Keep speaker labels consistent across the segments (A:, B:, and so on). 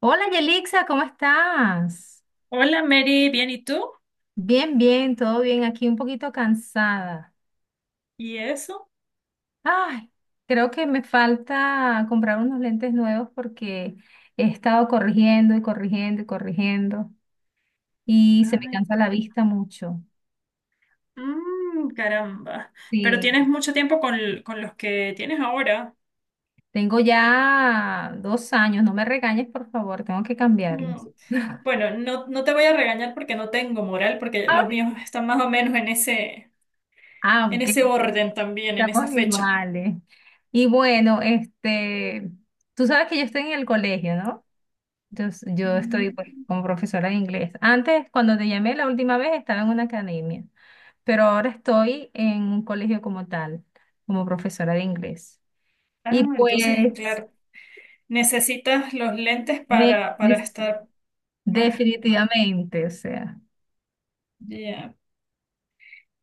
A: Hola Yelixa, ¿cómo estás?
B: Hola Mary, ¿bien y tú?
A: Bien, bien, todo bien. Aquí un poquito cansada.
B: ¿Y eso?
A: Ay, creo que me falta comprar unos lentes nuevos porque he estado corrigiendo y corrigiendo y corrigiendo y se me
B: Ay,
A: cansa la vista mucho.
B: Caramba. Pero
A: Sí,
B: tienes mucho tiempo con los que tienes ahora.
A: tengo ya 2 años. No me regañes, por favor, tengo que cambiarlos.
B: Mm. Bueno, no, no te voy a regañar porque no tengo moral, porque
A: Ah,
B: los
A: ok.
B: míos están más o menos en ese,
A: Ah,
B: en
A: ok,
B: ese orden también, en esa
A: estamos
B: fecha.
A: iguales. Y bueno, este, tú sabes que yo estoy en el colegio, ¿no? Yo
B: Mm.
A: estoy pues, como profesora de inglés. Antes, cuando te llamé la última vez, estaba en una academia, pero ahora estoy en un colegio como tal, como profesora de inglés.
B: Ah,
A: Y
B: entonces,
A: pues,
B: claro, necesitas los lentes
A: de-
B: para
A: de-
B: estar más, más.
A: definitivamente, o sea,
B: Ya.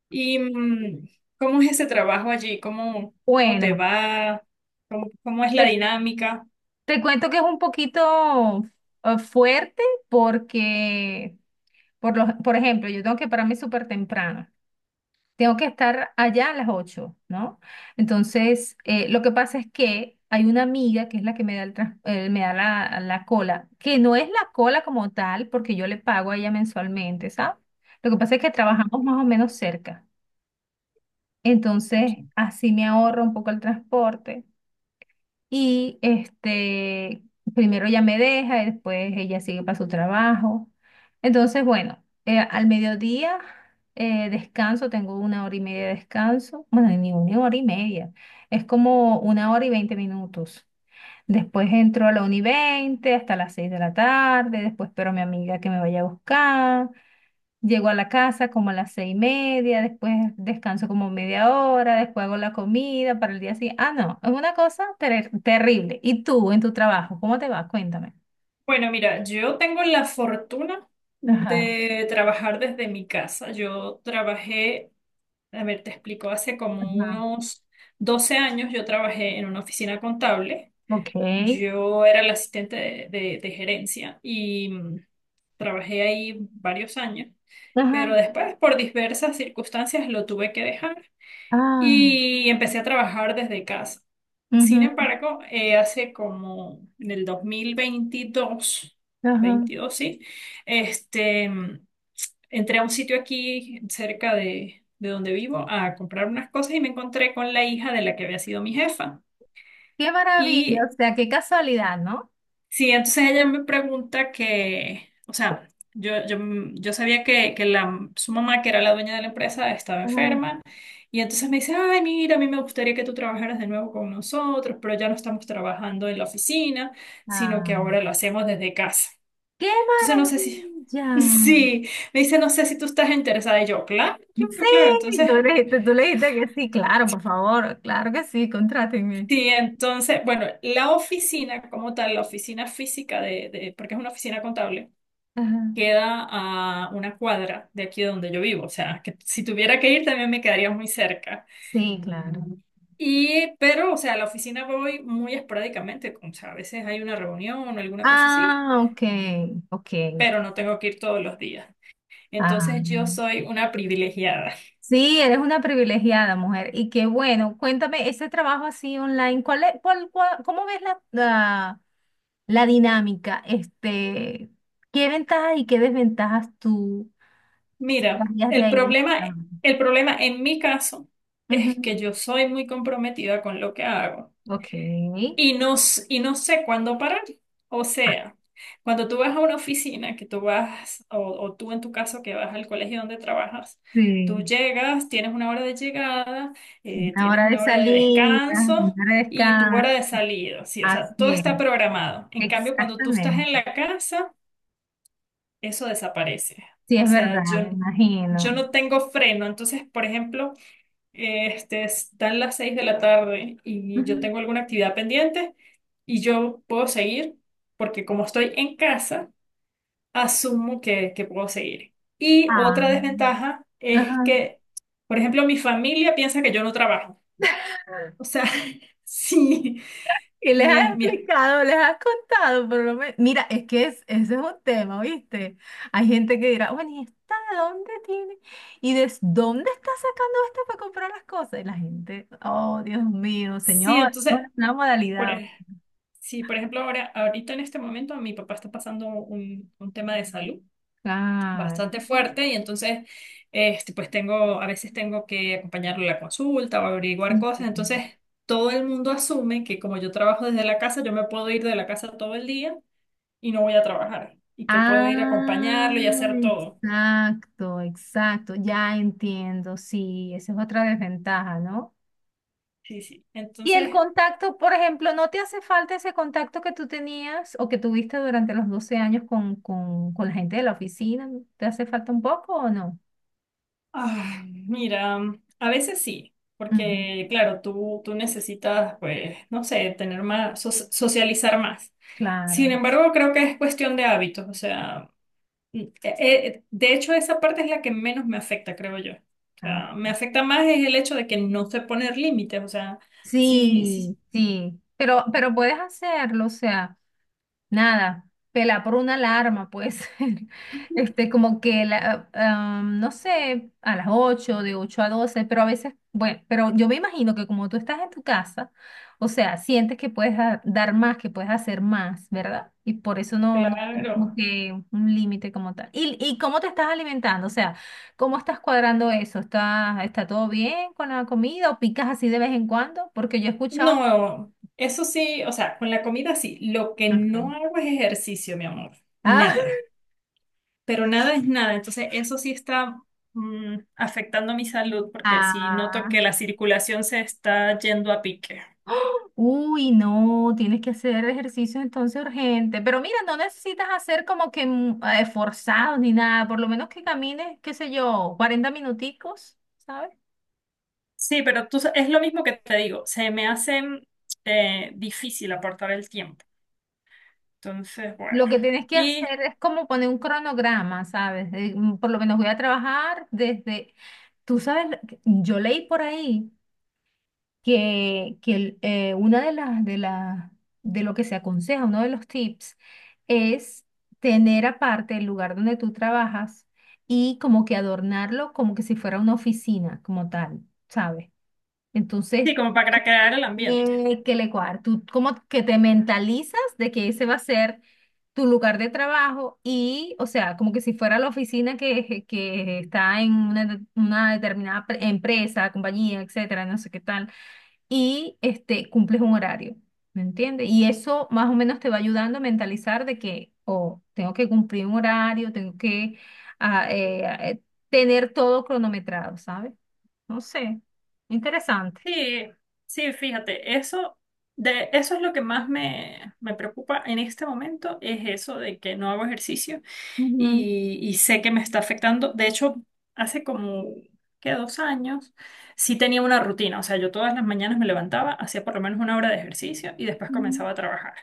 B: ¿Y cómo es ese trabajo allí? ¿Cómo te
A: bueno,
B: va? ¿Cómo es la
A: te,
B: dinámica?
A: te cuento que es un poquito fuerte porque, por ejemplo, yo tengo que pararme súper temprano. Tengo que estar allá a las 8, ¿no? Entonces, lo que pasa es que hay una amiga que es la que me da, me da la cola, que no es la cola como tal, porque yo le pago a ella mensualmente, ¿sabes? Lo que pasa es que trabajamos más o menos cerca. Entonces, así me ahorro un poco el transporte. Y este, primero ella me deja y después ella sigue para su trabajo. Entonces, bueno, al mediodía descanso, tengo 1 hora y media de descanso. Bueno, ni 1 hora y media, es como 1 hora y 20 minutos. Después entro a la 1 y 20 hasta las 6 de la tarde, después espero a mi amiga que me vaya a buscar. Llego a la casa como a las 6 y media, después descanso como media hora, después hago la comida para el día siguiente. Ah, no, es una cosa terrible. ¿Y tú en tu trabajo? ¿Cómo te va? Cuéntame.
B: Bueno, mira, yo tengo la fortuna
A: Ajá,
B: de trabajar desde mi casa. A ver, te explico, hace como
A: ajá,
B: unos 12 años yo trabajé en una oficina contable.
A: ok.
B: Yo era la asistente de gerencia y trabajé ahí varios años, pero
A: Ajá,
B: después por diversas circunstancias lo tuve que dejar
A: ah,
B: y empecé a trabajar desde casa. Sin
A: ujú,
B: embargo, hace como en el dos mil veintidós
A: ajá.
B: veintidós sí, este, entré a un sitio aquí cerca de donde vivo a comprar unas cosas y me encontré con la hija de la que había sido mi jefa.
A: Qué maravilla,
B: Y
A: o sea, qué casualidad, ¿no?
B: sí, entonces ella me pregunta que, o sea, yo, yo, yo sabía que su mamá, que era la dueña de la empresa, estaba
A: Ajá.
B: enferma. Y entonces me dice: ay, mira, a mí me gustaría que tú trabajaras de nuevo con nosotros, pero ya no estamos trabajando en la oficina, sino
A: Ah,
B: que ahora lo hacemos desde casa.
A: qué
B: Entonces no sé si,
A: maravilla.
B: sí, me dice, no sé si tú estás interesada. Y yo, claro, claro, claro.
A: Sí,
B: Entonces,
A: tú le dijiste que sí, claro, por favor, claro que sí, contrátenme.
B: sí, entonces, bueno, la oficina como tal, la oficina física de porque es una oficina contable.
A: Ajá.
B: Queda a una cuadra de aquí donde yo vivo, o sea, que si tuviera que ir también me quedaría muy cerca.
A: Sí, claro.
B: Y, pero, o sea, a la oficina voy muy esporádicamente, como, o sea, a veces hay una reunión o alguna cosa así,
A: Ah, ok, ok.
B: pero no tengo que ir todos los días.
A: Ah.
B: Entonces yo soy una privilegiada.
A: Sí, eres una privilegiada mujer. Y qué bueno, cuéntame, ese trabajo así online, ¿cuál es, cómo ves la, la, la dinámica? Este, ¿qué ventajas y qué desventajas tú
B: Mira,
A: traías de
B: el
A: ahí de ese
B: problema,
A: trabajo?
B: el problema en mi caso es
A: Ujú,
B: que yo soy muy comprometida con lo que hago.
A: ok.
B: Y no, y no sé cuándo parar. O sea, cuando tú vas a una oficina, que tú vas, o tú en tu caso que vas al colegio donde trabajas, tú
A: Sí.
B: llegas, tienes una hora de llegada,
A: Una
B: tienes
A: hora de
B: una hora de
A: salida,
B: descanso
A: una hora de
B: y tu
A: descanso.
B: hora de salida, sí, o sea, todo
A: Así es,
B: está programado. En cambio, cuando tú estás
A: exactamente.
B: en la casa, eso desaparece.
A: Sí,
B: O
A: es verdad,
B: sea,
A: me
B: yo
A: imagino.
B: no tengo freno. Entonces, por ejemplo. Este, están las 6 de la tarde y yo
A: Ujú.
B: tengo alguna actividad pendiente y yo puedo seguir porque como estoy en casa, asumo que puedo seguir. Y
A: Ah.
B: otra desventaja es
A: Ajá.
B: que, por ejemplo, mi familia piensa que yo no trabajo. O sea, sí,
A: Y les has
B: mi, mi-
A: explicado, les has contado, por lo menos. Mira, es que es, ese es un tema, ¿viste? Hay gente que dirá, bueno, ¿y esta de dónde tiene? ¿Y de dónde está sacando esto para comprar las cosas? Y la gente, oh, Dios mío,
B: sí,
A: señor, es
B: entonces,
A: una
B: por,
A: modalidad.
B: ej- sí, por ejemplo, ahora, ahorita en este momento mi papá está pasando un tema de salud bastante
A: Claro.
B: fuerte y entonces este, pues tengo, a veces tengo que acompañarlo a la consulta o averiguar
A: Sí.
B: cosas, entonces todo el mundo asume que como yo trabajo desde la casa, yo me puedo ir de la casa todo el día y no voy a trabajar y que puedo ir a
A: Ah,
B: acompañarlo y hacer todo.
A: exacto, exacto, ya entiendo, sí, esa es otra desventaja, ¿no?
B: Sí, sí.
A: Y el
B: Entonces,
A: contacto, por ejemplo, ¿no te hace falta ese contacto que tú tenías o que tuviste durante los 12 años con, con la gente de la oficina? ¿Te hace falta un poco o no?
B: ah, mira, a veces sí.
A: Ujú,
B: Porque, claro, tú necesitas, pues, no sé, tener más, socializar más. Sin
A: claro.
B: embargo, creo que es cuestión de hábitos. O sea, Mm, eh, de hecho, esa parte es la que menos me afecta, creo yo. O
A: Ah,
B: sea, me
A: ok.
B: afecta más es el hecho de que no sé poner límites. O sea, sí, sí,
A: Sí, sí. Pero puedes hacerlo, o sea. Nada, pela por una alarma, pues, este, como que, no sé, a las 8 de 8 a 12, pero a veces, bueno, pero yo me imagino que como tú estás en tu casa, o sea, sientes que puedes dar más, que puedes hacer más, ¿verdad? Y por eso no, no, como
B: claro.
A: que un límite como tal. Y cómo te estás alimentando? O sea, ¿cómo estás cuadrando eso? ¿Está todo bien con la comida o picas así de vez en cuando? Porque yo he escuchado...
B: No, eso sí, o sea, con la comida sí. Lo que no
A: Ok.
B: hago es ejercicio, mi amor.
A: Ah,
B: Nada. Pero nada es nada. Entonces, eso sí está afectando mi salud porque sí noto
A: ah,
B: que la circulación se está yendo a pique.
A: ¡Ah! Uy, no, tienes que hacer ejercicio entonces urgente. Pero mira, no necesitas hacer como que forzados ni nada. Por lo menos que camines, qué sé yo, 40 minuticos, ¿sabes?
B: Sí, pero tú, es lo mismo que te digo. Se me hace difícil aportar el tiempo. Entonces, bueno.
A: Lo que tienes que
B: Y
A: hacer es como poner un cronograma, ¿sabes? Por lo menos voy a trabajar desde, tú sabes, yo leí por ahí que, una de las de las de lo que se aconseja, uno de los tips es tener aparte el lugar donde tú trabajas y como que adornarlo como que si fuera una oficina como tal, ¿sabes? Entonces,
B: sí, como para crear el ambiente.
A: que le cuadra, tú como que te mentalizas de que ese va a ser tu lugar de trabajo y, o sea, como que si fuera la oficina que está en una, una determinada empresa, compañía, etcétera, no sé qué tal, y este, cumples un horario, ¿me entiendes? Y eso más o menos te va ayudando a mentalizar de que, oh, tengo que cumplir un horario, tengo que ah, eh, ah, eh, tener todo cronometrado, ¿sabes? No sé, interesante.
B: Sí, sí, fíjate, eso es lo que más me preocupa en este momento, es eso de que no hago ejercicio
A: Ujú,
B: y sé que me está afectando. De hecho, hace como, ¿qué? 2 años, sí tenía una rutina. O sea, yo todas las mañanas me levantaba, hacía por lo menos una hora de ejercicio y después
A: ujú,
B: comenzaba a trabajar.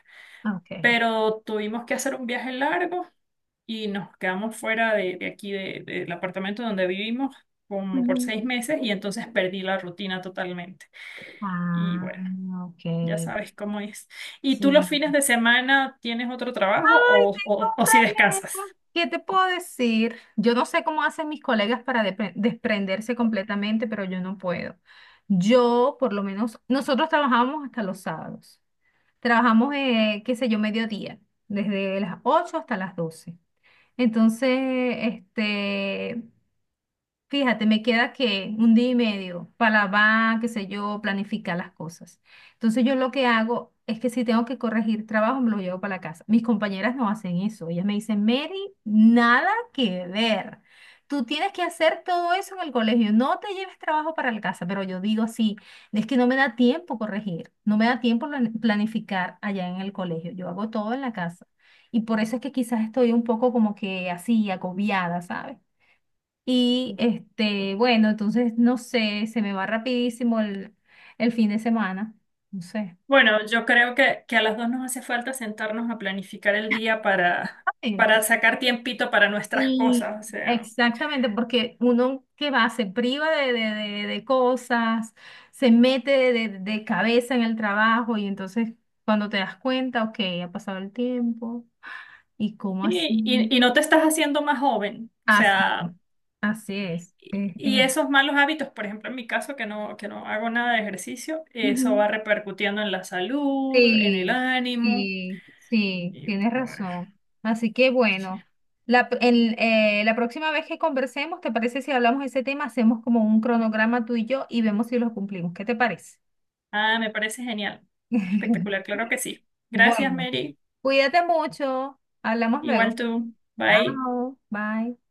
A: ok.
B: Pero tuvimos que hacer un viaje largo. Y nos quedamos fuera de aquí, del apartamento donde vivimos, como por
A: Ujú.
B: 6 meses y entonces perdí la rutina totalmente. Y
A: Ah,
B: bueno,
A: ok.
B: ya sabes cómo es. ¿Y tú los
A: Sí.
B: fines de semana tienes otro trabajo
A: Ay,
B: o, o,
A: tengo un
B: o si descansas?
A: problema. ¿Qué te puedo decir? Yo no sé cómo hacen mis colegas para desprenderse completamente, pero yo no puedo. Yo, por lo menos, nosotros trabajamos hasta los sábados. Trabajamos, qué sé yo, mediodía, desde las 8 hasta las 12. Entonces, este, fíjate, me queda que un día y medio para va, qué sé yo, planificar las cosas. Entonces yo lo que hago es que si tengo que corregir trabajo, me lo llevo para la casa. Mis compañeras no hacen eso. Ellas me dicen, Mary, nada que ver. Tú tienes que hacer todo eso en el colegio. No te lleves trabajo para la casa. Pero yo digo así, es que no me da tiempo corregir, no me da tiempo planificar allá en el colegio. Yo hago todo en la casa. Y por eso es que quizás estoy un poco como que así, agobiada, ¿sabes? Y este, bueno, entonces no sé, se me va rapidísimo el fin de semana. No sé.
B: Bueno, yo creo que a las dos nos hace falta sentarnos a planificar el día para
A: Exactamente.
B: sacar tiempito para nuestras
A: Y
B: cosas. O sea,
A: exactamente, porque uno que va, se priva de cosas, se mete de cabeza en el trabajo y entonces cuando te das cuenta, ok, ha pasado el tiempo y cómo
B: y, y,
A: así,
B: y no te estás haciendo más joven. O
A: así,
B: sea,
A: así es.
B: y esos malos hábitos, por ejemplo, en mi caso, que no hago nada de ejercicio, eso
A: Ujú.
B: va repercutiendo en la salud, en el
A: Sí,
B: ánimo.
A: y sí,
B: Y
A: tienes
B: bueno,
A: razón. Así que
B: sí.
A: bueno, la, la próxima vez que conversemos, ¿te parece si hablamos de ese tema? Hacemos como un cronograma tú y yo y vemos si lo cumplimos. ¿Qué te parece?
B: Ah, me parece genial. Espectacular, claro que sí. Gracias,
A: Bueno,
B: Mary.
A: cuídate mucho. Hablamos luego.
B: Igual tú. Bye.
A: Chao, bye.